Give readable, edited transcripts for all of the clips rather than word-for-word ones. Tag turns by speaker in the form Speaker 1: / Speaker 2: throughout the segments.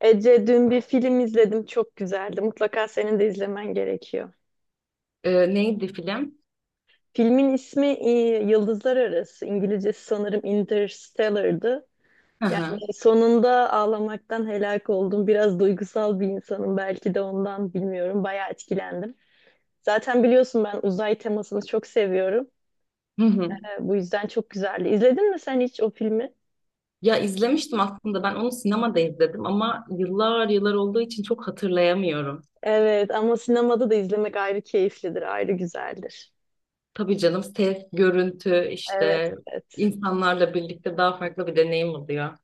Speaker 1: Ece dün bir film izledim çok güzeldi. Mutlaka senin de izlemen gerekiyor.
Speaker 2: Neydi film?
Speaker 1: Filmin ismi Yıldızlar Arası. İngilizcesi sanırım Interstellar'dı.
Speaker 2: Hı hı.
Speaker 1: Yani sonunda ağlamaktan helak oldum. Biraz duygusal bir insanım belki de ondan bilmiyorum. Bayağı etkilendim. Zaten biliyorsun ben uzay temasını çok seviyorum.
Speaker 2: Hı hı.
Speaker 1: Bu yüzden çok güzeldi. İzledin mi sen hiç o filmi?
Speaker 2: Ya izlemiştim aslında, ben onu sinemada izledim ama yıllar yıllar olduğu için çok hatırlayamıyorum.
Speaker 1: Evet ama sinemada da izlemek ayrı keyiflidir, ayrı güzeldir.
Speaker 2: Tabii canım, ses, görüntü
Speaker 1: Evet,
Speaker 2: işte
Speaker 1: evet.
Speaker 2: insanlarla birlikte daha farklı bir deneyim oluyor.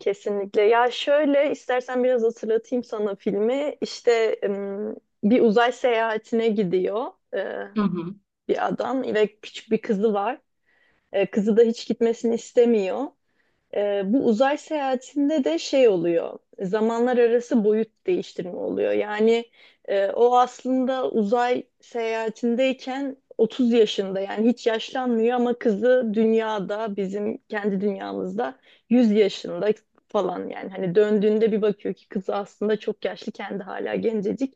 Speaker 1: Kesinlikle. Ya şöyle istersen biraz hatırlatayım sana filmi. İşte bir uzay seyahatine gidiyor
Speaker 2: Hı hı.
Speaker 1: bir adam ve küçük bir kızı var. Kızı da hiç gitmesini istemiyor. Bu uzay seyahatinde de şey oluyor, zamanlar arası boyut değiştirme oluyor. Yani o aslında uzay seyahatindeyken 30 yaşında yani hiç yaşlanmıyor ama kızı dünyada bizim kendi dünyamızda 100 yaşında falan yani hani döndüğünde bir bakıyor ki kızı aslında çok yaşlı kendi hala gencecik.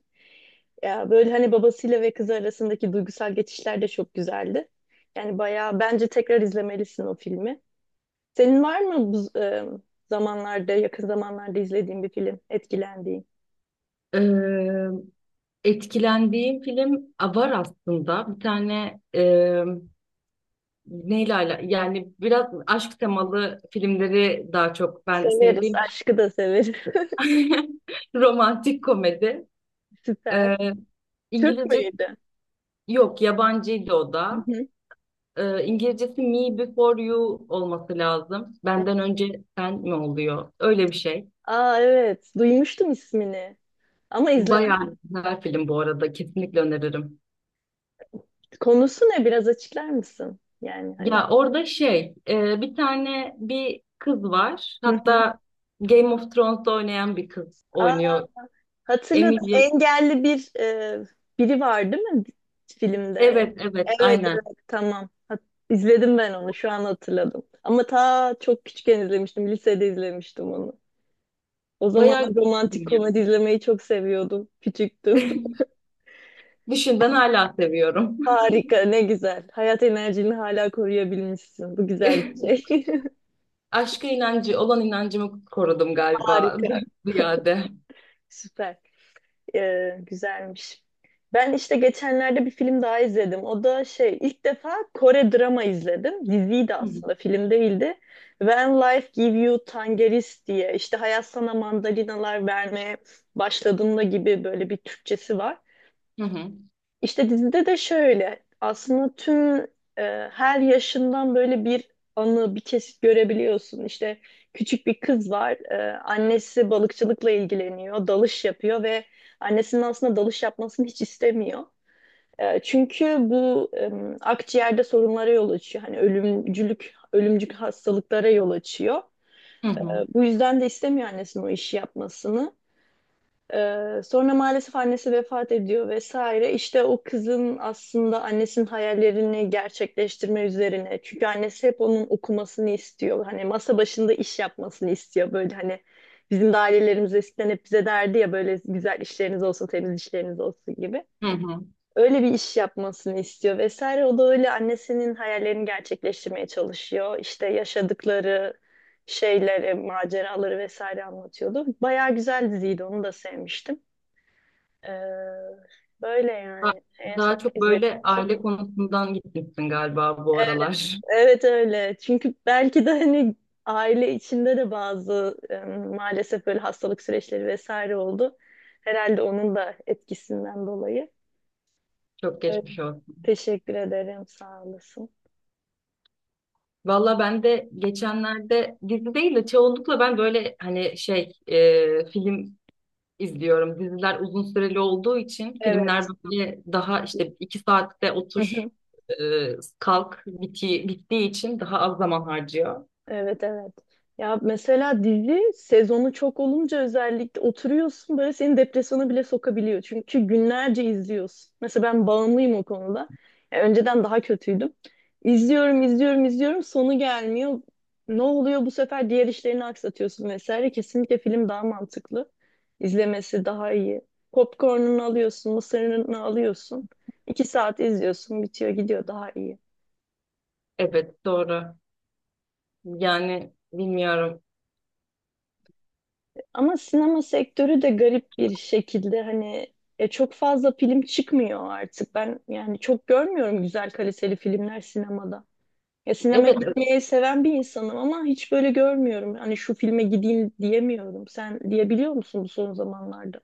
Speaker 1: Ya böyle hani babasıyla ve kızı arasındaki duygusal geçişler de çok güzeldi. Yani bayağı bence tekrar izlemelisin o filmi. Senin var mı bu zamanlarda, yakın zamanlarda izlediğin bir film, etkilendiğin?
Speaker 2: Eee, Etkilendiğim film var aslında. Bir tane yani biraz aşk temalı filmleri daha çok ben sevdiğim
Speaker 1: Severiz,
Speaker 2: için.
Speaker 1: aşkı da severiz.
Speaker 2: Romantik komedi.
Speaker 1: Süper.
Speaker 2: Eee
Speaker 1: Türk
Speaker 2: İngilizce.
Speaker 1: müydü?
Speaker 2: Yok, yabancıydı o
Speaker 1: Hı
Speaker 2: da.
Speaker 1: hı.
Speaker 2: İngilizcesi Me Before You olması lazım.
Speaker 1: Hı.
Speaker 2: Benden önce sen mi oluyor? Öyle bir şey.
Speaker 1: Aa evet, duymuştum ismini ama izlemedim.
Speaker 2: Bayağı güzel film bu arada. Kesinlikle öneririm.
Speaker 1: Konusu ne? Biraz açıklar mısın? Yani hani.
Speaker 2: Ya orada şey bir tane bir kız var.
Speaker 1: Hı hı.
Speaker 2: Hatta Game of Thrones'ta oynayan bir kız
Speaker 1: Aa,
Speaker 2: oynuyor.
Speaker 1: hatırladım.
Speaker 2: Emilia.
Speaker 1: Engelli bir biri var değil mi filmde?
Speaker 2: Evet, evet,
Speaker 1: Evet
Speaker 2: aynen.
Speaker 1: evet tamam. İzledim ben onu şu an hatırladım. Ama ta çok küçükken izlemiştim. Lisede izlemiştim onu. O
Speaker 2: Bayağı
Speaker 1: zamanlar romantik
Speaker 2: güzel bir
Speaker 1: komedi
Speaker 2: film
Speaker 1: izlemeyi çok seviyordum. Küçüktüm.
Speaker 2: ya. Düşün, ben hala seviyorum.
Speaker 1: Harika, ne güzel. Hayat enerjini hala koruyabilmişsin. Bu güzel bir şey.
Speaker 2: Aşka inancı olan inancımı korudum galiba
Speaker 1: Harika,
Speaker 2: ziyade.
Speaker 1: süper. Güzelmiş. Ben işte geçenlerde bir film daha izledim. O da şey, ilk defa Kore drama izledim. Diziydi aslında, film değildi. When Life Give You Tangerines diye işte hayat sana mandalinalar vermeye başladığında gibi böyle bir Türkçesi var.
Speaker 2: Hı hı.
Speaker 1: İşte dizide de şöyle aslında tüm her yaşından böyle bir anı bir kesit görebiliyorsun. İşte küçük bir kız var annesi balıkçılıkla ilgileniyor dalış yapıyor ve annesinin aslında dalış yapmasını hiç istemiyor. Çünkü bu akciğerde sorunlara yol açıyor. Hani ölümcülük, ölümcül hastalıklara yol açıyor.
Speaker 2: Hı hı.
Speaker 1: Bu yüzden de istemiyor annesinin o işi yapmasını. Sonra maalesef annesi vefat ediyor vesaire. İşte o kızın aslında annesinin hayallerini gerçekleştirme üzerine. Çünkü annesi hep onun okumasını istiyor. Hani masa başında iş yapmasını istiyor. Böyle hani bizim de ailelerimiz eskiden hep bize derdi ya böyle güzel işleriniz olsun, temiz işleriniz olsun gibi.
Speaker 2: Hı hı.
Speaker 1: Öyle bir iş yapmasını istiyor vesaire. O da öyle annesinin hayallerini gerçekleştirmeye çalışıyor. İşte yaşadıkları şeyleri, maceraları vesaire anlatıyordu. Bayağı güzel diziydi, onu da sevmiştim. Ee, böyle
Speaker 2: Da-
Speaker 1: yani en
Speaker 2: Daha
Speaker 1: son
Speaker 2: çok
Speaker 1: izlediğim
Speaker 2: böyle aile
Speaker 1: son.
Speaker 2: konusundan gitmişsin galiba bu
Speaker 1: Evet,
Speaker 2: aralar.
Speaker 1: evet öyle. Çünkü belki de hani aile içinde de bazı maalesef böyle hastalık süreçleri vesaire oldu. Herhalde onun da etkisinden dolayı.
Speaker 2: Çok
Speaker 1: Evet.
Speaker 2: geçmiş olsun.
Speaker 1: Teşekkür ederim. Sağ olasın.
Speaker 2: Valla ben de geçenlerde dizi değil de çoğunlukla ben böyle hani şey film izliyorum. Diziler uzun süreli olduğu için filmler
Speaker 1: Evet.
Speaker 2: böyle daha işte iki saatte otur e, kalk bittiği için daha az zaman harcıyor.
Speaker 1: Evet evet. Ya mesela dizi sezonu çok olunca özellikle oturuyorsun böyle seni depresyona bile sokabiliyor. Çünkü günlerce izliyorsun. Mesela ben bağımlıyım o konuda. Ya önceden daha kötüydüm. İzliyorum, izliyorum, izliyorum. Sonu gelmiyor. Ne oluyor bu sefer diğer işlerini aksatıyorsun vesaire. Kesinlikle film daha mantıklı. İzlemesi daha iyi. Popcorn'unu alıyorsun, mısırını alıyorsun. İki saat izliyorsun, bitiyor, gidiyor daha iyi.
Speaker 2: Evet, doğru. Yani bilmiyorum.
Speaker 1: Ama sinema sektörü de garip bir şekilde hani çok fazla film çıkmıyor artık. Ben yani çok görmüyorum güzel kaliteli filmler sinemada. Ya sinemaya
Speaker 2: Evet.
Speaker 1: gitmeyi seven bir insanım ama hiç böyle görmüyorum. Hani şu filme gideyim diyemiyorum. Sen diyebiliyor musun bu son zamanlarda?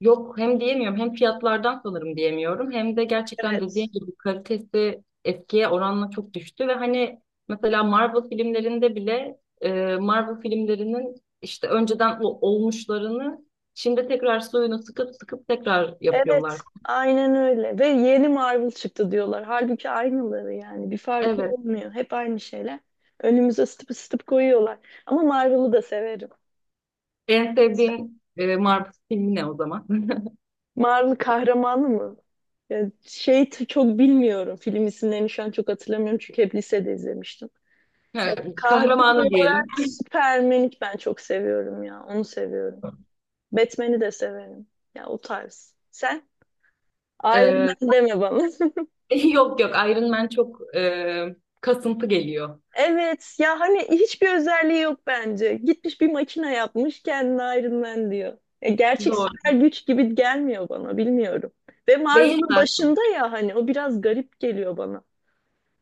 Speaker 2: Yok, hem diyemiyorum hem fiyatlardan sanırım diyemiyorum, hem de gerçekten
Speaker 1: Evet.
Speaker 2: dediğin gibi kalitesi eskiye oranla çok düştü. Ve hani mesela Marvel filmlerinde bile Marvel filmlerinin işte önceden olmuşlarını şimdi tekrar suyunu sıkıp sıkıp tekrar yapıyorlar.
Speaker 1: Evet. Aynen öyle. Ve yeni Marvel çıktı diyorlar. Halbuki aynıları yani. Bir farkı
Speaker 2: Evet,
Speaker 1: olmuyor. Hep aynı şeyler. Önümüze sıtıp sıtıp koyuyorlar. Ama Marvel'ı da severim.
Speaker 2: en sevdiğin Marvel filmi ne o zaman?
Speaker 1: Mar'ın kahramanı mı? Ya şey çok bilmiyorum. Film isimlerini şu an çok hatırlamıyorum çünkü hep lisede izlemiştim. Ya
Speaker 2: Evet,
Speaker 1: kahraman
Speaker 2: kahramanı diyelim.
Speaker 1: olarak Superman'i ben çok seviyorum ya. Onu seviyorum. Batman'i de severim. Ya o tarz. Sen? Iron
Speaker 2: Ee,
Speaker 1: Man deme bana.
Speaker 2: yok, yok, Iron Man çok kasıntı geliyor.
Speaker 1: Evet ya hani hiçbir özelliği yok bence. Gitmiş bir makine yapmış kendine Iron Man diyor. Ya gerçek
Speaker 2: Doğru.
Speaker 1: süper güç gibi gelmiyor bana bilmiyorum. Ve
Speaker 2: Değil
Speaker 1: Marvel'ın
Speaker 2: de.
Speaker 1: başında ya hani o biraz garip geliyor bana.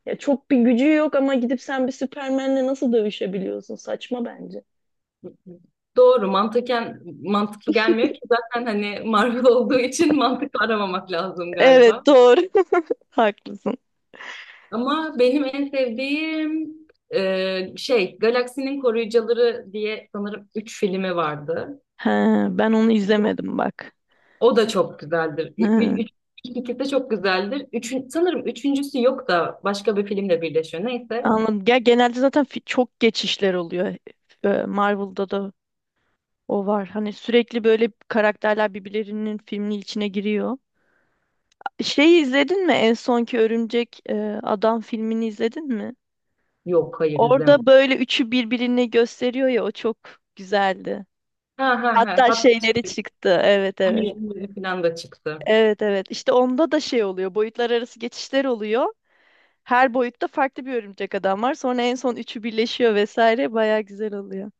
Speaker 1: Ya çok bir gücü yok ama gidip sen bir Süpermen'le nasıl dövüşebiliyorsun? Saçma bence.
Speaker 2: Doğru, mantıken mantıklı gelmiyor ki zaten, hani Marvel olduğu için mantıklı aramamak lazım galiba.
Speaker 1: Evet doğru. Haklısın.
Speaker 2: Ama benim en sevdiğim şey, Galaksinin Koruyucuları diye sanırım 3 filmi vardı.
Speaker 1: He, ben onu izlemedim bak.
Speaker 2: O da çok güzeldir.
Speaker 1: He,
Speaker 2: Üç, ilk ikisi de çok güzeldir. Üçün, sanırım üçüncüsü yok da başka bir filmle birleşiyor. Neyse.
Speaker 1: anladım. Ya genelde zaten çok geçişler oluyor. Marvel'da da o var. Hani sürekli böyle karakterler birbirlerinin filminin içine giriyor. Şeyi izledin mi? En sonki Örümcek Adam filmini izledin mi?
Speaker 2: Yok, hayır, izlemedim.
Speaker 1: Orada böyle üçü birbirini gösteriyor ya o çok güzeldi.
Speaker 2: Ha ha ha.
Speaker 1: Hatta
Speaker 2: Hatta
Speaker 1: şeyleri çıktı. Evet evet.
Speaker 2: şey, falan da çıktı.
Speaker 1: Evet evet işte onda da şey oluyor boyutlar arası geçişler oluyor. Her boyutta farklı bir örümcek adam var. Sonra en son üçü birleşiyor vesaire. Baya güzel oluyor.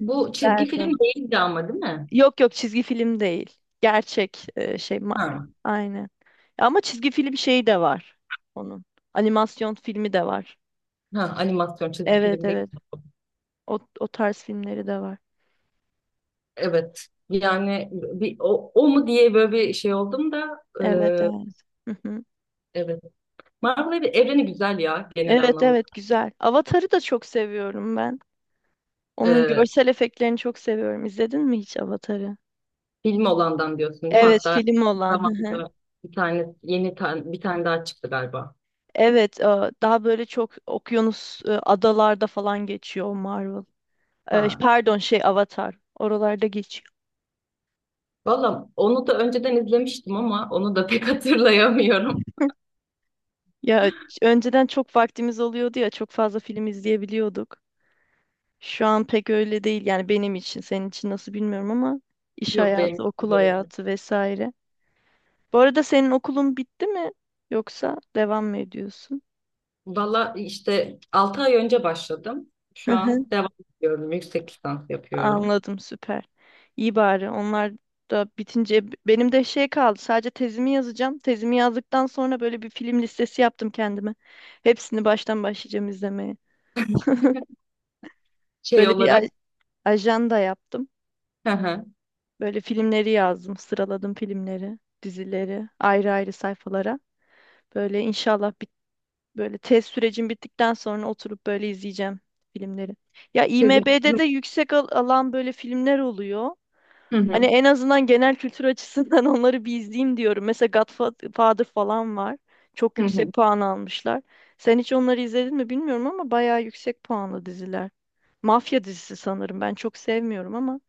Speaker 2: Bu çizgi film
Speaker 1: Nereden?
Speaker 2: değildi ama, değil mi?
Speaker 1: Yok yok çizgi film değil. Gerçek şey.
Speaker 2: Ha,
Speaker 1: Aynen. Ama çizgi film şeyi de var onun. Animasyon filmi de var.
Speaker 2: ha, animasyon çizgi
Speaker 1: Evet
Speaker 2: film değil.
Speaker 1: evet. O, o tarz filmleri de var.
Speaker 2: Evet. Yani bir, o mu diye böyle bir şey oldum da
Speaker 1: Evet evet. Hı hı.
Speaker 2: evet. Evreni güzel ya genel
Speaker 1: Evet
Speaker 2: anlamda.
Speaker 1: evet güzel. Avatar'ı da çok seviyorum ben. Onun
Speaker 2: E,
Speaker 1: görsel efektlerini çok seviyorum. İzledin mi hiç Avatar'ı?
Speaker 2: Film olandan diyorsun değil mi?
Speaker 1: Evet
Speaker 2: Hatta
Speaker 1: film olan. Hı hı.
Speaker 2: zamanında bir tane bir tane daha çıktı galiba.
Speaker 1: Evet daha böyle çok okyanus adalarda falan geçiyor o Marvel.
Speaker 2: Ha.
Speaker 1: Pardon şey Avatar. Oralarda geçiyor.
Speaker 2: Valla onu da önceden izlemiştim ama onu da pek hatırlayamıyorum.
Speaker 1: Ya önceden çok vaktimiz oluyordu ya çok fazla film izleyebiliyorduk. Şu an pek öyle değil yani benim için senin için nasıl bilmiyorum ama iş
Speaker 2: Yok
Speaker 1: hayatı,
Speaker 2: benim,
Speaker 1: okul
Speaker 2: böyle.
Speaker 1: hayatı vesaire. Bu arada senin okulun bitti mi yoksa devam mı ediyorsun?
Speaker 2: Valla işte 6 ay önce başladım. Şu an devam ediyorum. Yüksek lisans yapıyorum.
Speaker 1: Anladım süper. İyi bari onlar da bitince benim de şey kaldı sadece tezimi yazacağım. Tezimi yazdıktan sonra böyle bir film listesi yaptım kendime. Hepsini baştan başlayacağım izlemeye.
Speaker 2: Şey
Speaker 1: Böyle bir
Speaker 2: olarak.
Speaker 1: ajanda yaptım.
Speaker 2: Hı hı.
Speaker 1: Böyle filmleri yazdım, sıraladım filmleri, dizileri ayrı ayrı sayfalara. Böyle inşallah böyle tez sürecim bittikten sonra oturup böyle izleyeceğim filmleri. Ya
Speaker 2: Sezin
Speaker 1: IMDb'de
Speaker 2: Aksu'nun.
Speaker 1: de yüksek alan böyle filmler oluyor.
Speaker 2: Hı
Speaker 1: Hani
Speaker 2: hı.
Speaker 1: en azından genel kültür açısından onları bir izleyeyim diyorum. Mesela Godfather falan var. Çok
Speaker 2: Hı hı.
Speaker 1: yüksek puan almışlar. Sen hiç onları izledin mi bilmiyorum ama bayağı yüksek puanlı diziler. Mafya dizisi sanırım. Ben çok sevmiyorum ama.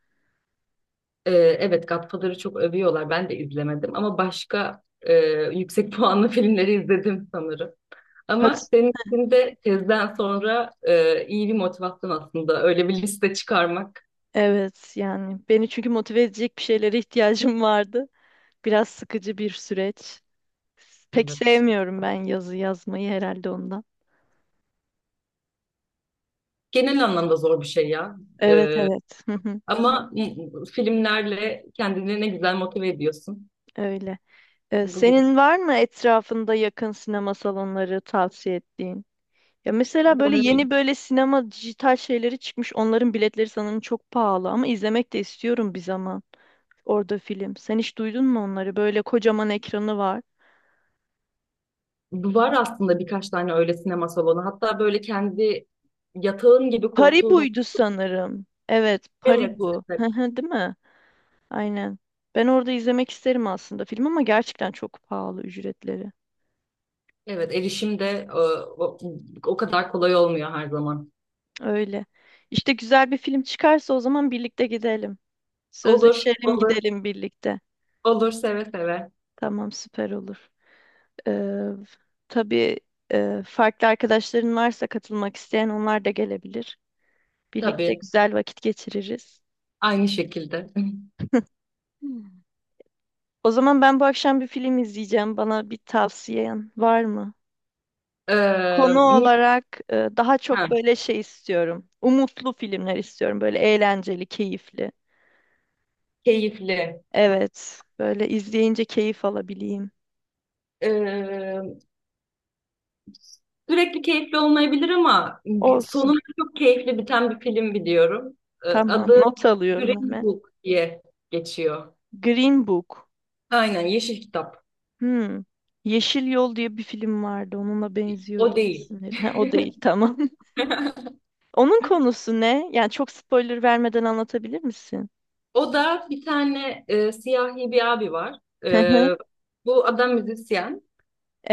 Speaker 2: Ee, evet, Godfather'ı çok övüyorlar. Ben de izlemedim ama başka yüksek puanlı filmleri izledim sanırım. Ama
Speaker 1: Hat
Speaker 2: senin için de tezden sonra iyi bir motivasyon aslında öyle bir liste çıkarmak.
Speaker 1: evet yani beni çünkü motive edecek bir şeylere ihtiyacım vardı. Biraz sıkıcı bir süreç. Pek
Speaker 2: Evet.
Speaker 1: sevmiyorum ben yazı yazmayı herhalde ondan.
Speaker 2: Genel anlamda zor bir şey ya.
Speaker 1: Evet
Speaker 2: Ee,
Speaker 1: evet. Hı hı,
Speaker 2: ama filmlerle kendini ne güzel motive ediyorsun.
Speaker 1: öyle.
Speaker 2: Bu güzel.
Speaker 1: Senin var mı etrafında yakın sinema salonları tavsiye ettiğin? Ya mesela böyle
Speaker 2: Ee,
Speaker 1: yeni böyle sinema dijital şeyleri çıkmış. Onların biletleri sanırım çok pahalı ama izlemek de istiyorum bir zaman orada film. Sen hiç duydun mu onları? Böyle kocaman ekranı var.
Speaker 2: Var aslında birkaç tane öyle sinema salonu. Hatta böyle kendi yatağın gibi koltuğun.
Speaker 1: Paribu'ydu sanırım. Evet,
Speaker 2: Evet,
Speaker 1: Paribu. Hı
Speaker 2: evet,
Speaker 1: hı, değil mi? Aynen. Ben orada izlemek isterim aslında film ama gerçekten çok pahalı ücretleri.
Speaker 2: evet. Erişim de o kadar kolay olmuyor her zaman.
Speaker 1: Öyle. İşte güzel bir film çıkarsa o zaman birlikte gidelim.
Speaker 2: Olur,
Speaker 1: Sözleşelim
Speaker 2: olur,
Speaker 1: gidelim birlikte.
Speaker 2: olur, seve seve.
Speaker 1: Tamam, süper olur. Ee, tabii farklı arkadaşların varsa katılmak isteyen onlar da gelebilir. Birlikte
Speaker 2: Tabii,
Speaker 1: güzel vakit geçiririz.
Speaker 2: aynı şekilde.
Speaker 1: Hmm. O zaman ben bu akşam bir film izleyeceğim. Bana bir tavsiyen var mı?
Speaker 2: Ee,
Speaker 1: Konu
Speaker 2: mi-
Speaker 1: olarak daha
Speaker 2: ha,
Speaker 1: çok böyle şey istiyorum. Umutlu filmler istiyorum. Böyle eğlenceli, keyifli.
Speaker 2: keyifli.
Speaker 1: Evet, böyle izleyince keyif alabileyim.
Speaker 2: Ee, sürekli keyifli olmayabilir ama
Speaker 1: Olsun.
Speaker 2: sonunda çok keyifli biten bir film biliyorum.
Speaker 1: Tamam,
Speaker 2: Adı
Speaker 1: not alıyorum
Speaker 2: Green
Speaker 1: hemen.
Speaker 2: Book diye geçiyor.
Speaker 1: Green Book.
Speaker 2: Aynen, Yeşil Kitap.
Speaker 1: Hmm. Yeşil Yol diye bir film vardı. Onunla benziyor
Speaker 2: O
Speaker 1: gibi
Speaker 2: değil.
Speaker 1: isimleri. Ha, o değil tamam. Onun konusu ne? Yani çok spoiler vermeden anlatabilir misin?
Speaker 2: O da bir tane siyahi bir abi var.
Speaker 1: Hı hı.
Speaker 2: Ee, bu adam müzisyen.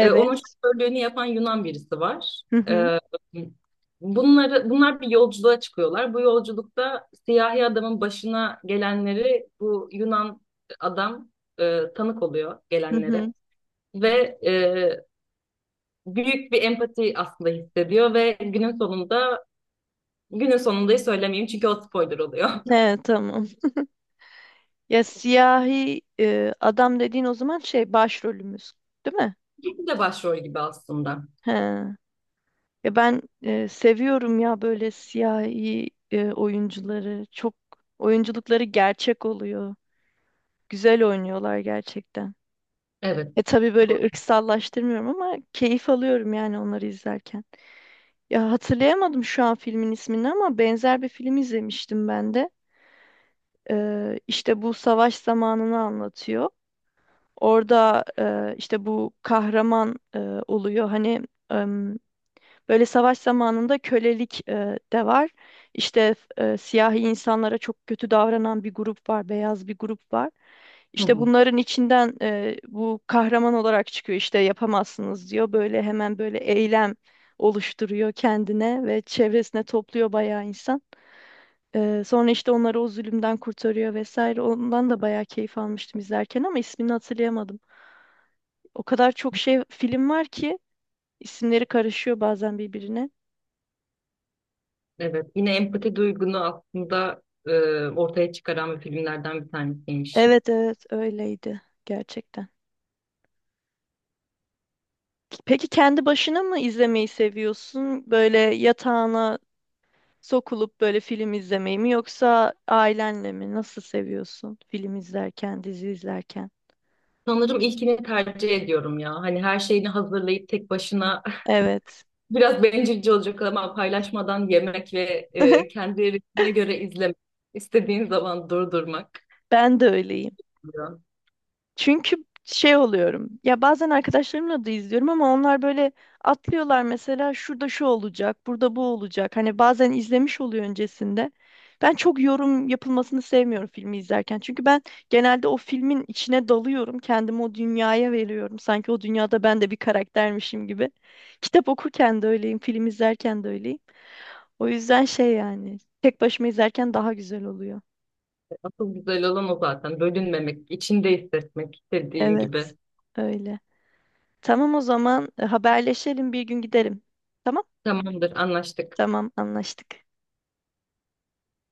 Speaker 2: Onun şoförlüğünü yapan Yunan birisi var.
Speaker 1: Hı hı.
Speaker 2: E, bunlar bir yolculuğa çıkıyorlar. Bu yolculukta siyahi adamın başına gelenleri bu Yunan adam tanık oluyor
Speaker 1: Hı
Speaker 2: gelenlere.
Speaker 1: hı.
Speaker 2: Ve e, büyük bir empati aslında hissediyor ve günün sonunda, günün sonundayı söylemeyeyim, çünkü o spoiler oluyor.
Speaker 1: He, tamam. Ya siyahi adam dediğin o zaman şey başrolümüz, değil mi?
Speaker 2: İkisi de başrol gibi aslında.
Speaker 1: He. Ya ben seviyorum ya böyle siyahi oyuncuları. Çok oyunculukları gerçek oluyor. Güzel oynuyorlar gerçekten.
Speaker 2: Evet.
Speaker 1: E tabii
Speaker 2: Doğru.
Speaker 1: böyle ırksallaştırmıyorum ama keyif alıyorum yani onları izlerken. Ya hatırlayamadım şu an filmin ismini ama benzer bir film izlemiştim ben de. İşte bu savaş zamanını anlatıyor. Orada işte bu kahraman oluyor. Hani böyle savaş zamanında kölelik de var. İşte siyahi insanlara çok kötü davranan bir grup var, beyaz bir grup var.
Speaker 2: Hı
Speaker 1: İşte
Speaker 2: hı.
Speaker 1: bunların içinden bu kahraman olarak çıkıyor. İşte yapamazsınız diyor. Böyle hemen böyle eylem oluşturuyor kendine ve çevresine topluyor bayağı insan. Sonra işte onları o zulümden kurtarıyor vesaire. Ondan da bayağı keyif almıştım izlerken ama ismini hatırlayamadım. O kadar çok şey film var ki isimleri karışıyor bazen birbirine.
Speaker 2: Evet. Yine empati duygunu aslında ortaya çıkaran bir filmlerden bir tanesiymiş.
Speaker 1: Evet evet öyleydi gerçekten. Peki kendi başına mı izlemeyi seviyorsun? Böyle yatağına sokulup böyle film izlemeyi mi yoksa ailenle mi? Nasıl seviyorsun film izlerken, dizi izlerken?
Speaker 2: Sanırım ilkini tercih ediyorum ya. Hani her şeyini hazırlayıp tek başına,
Speaker 1: Evet.
Speaker 2: biraz bencilce olacak ama, paylaşmadan yemek ve kendi ritmine göre izlemek. İstediğin zaman durdurmak.
Speaker 1: Ben de öyleyim.
Speaker 2: Diyor.
Speaker 1: Çünkü şey oluyorum. Ya bazen arkadaşlarımla da izliyorum ama onlar böyle atlıyorlar mesela şurada şu olacak, burada bu olacak. Hani bazen izlemiş oluyor öncesinde. Ben çok yorum yapılmasını sevmiyorum filmi izlerken. Çünkü ben genelde o filmin içine dalıyorum. Kendimi o dünyaya veriyorum. Sanki o dünyada ben de bir karaktermişim gibi. Kitap okurken de öyleyim, film izlerken de öyleyim. O yüzden şey yani tek başıma izlerken daha güzel oluyor.
Speaker 2: Asıl güzel olan o zaten. Bölünmemek, içinde hissetmek istediğin gibi.
Speaker 1: Evet, öyle. Tamam o zaman haberleşelim bir gün giderim. Tamam?
Speaker 2: Tamamdır, anlaştık.
Speaker 1: Tamam anlaştık.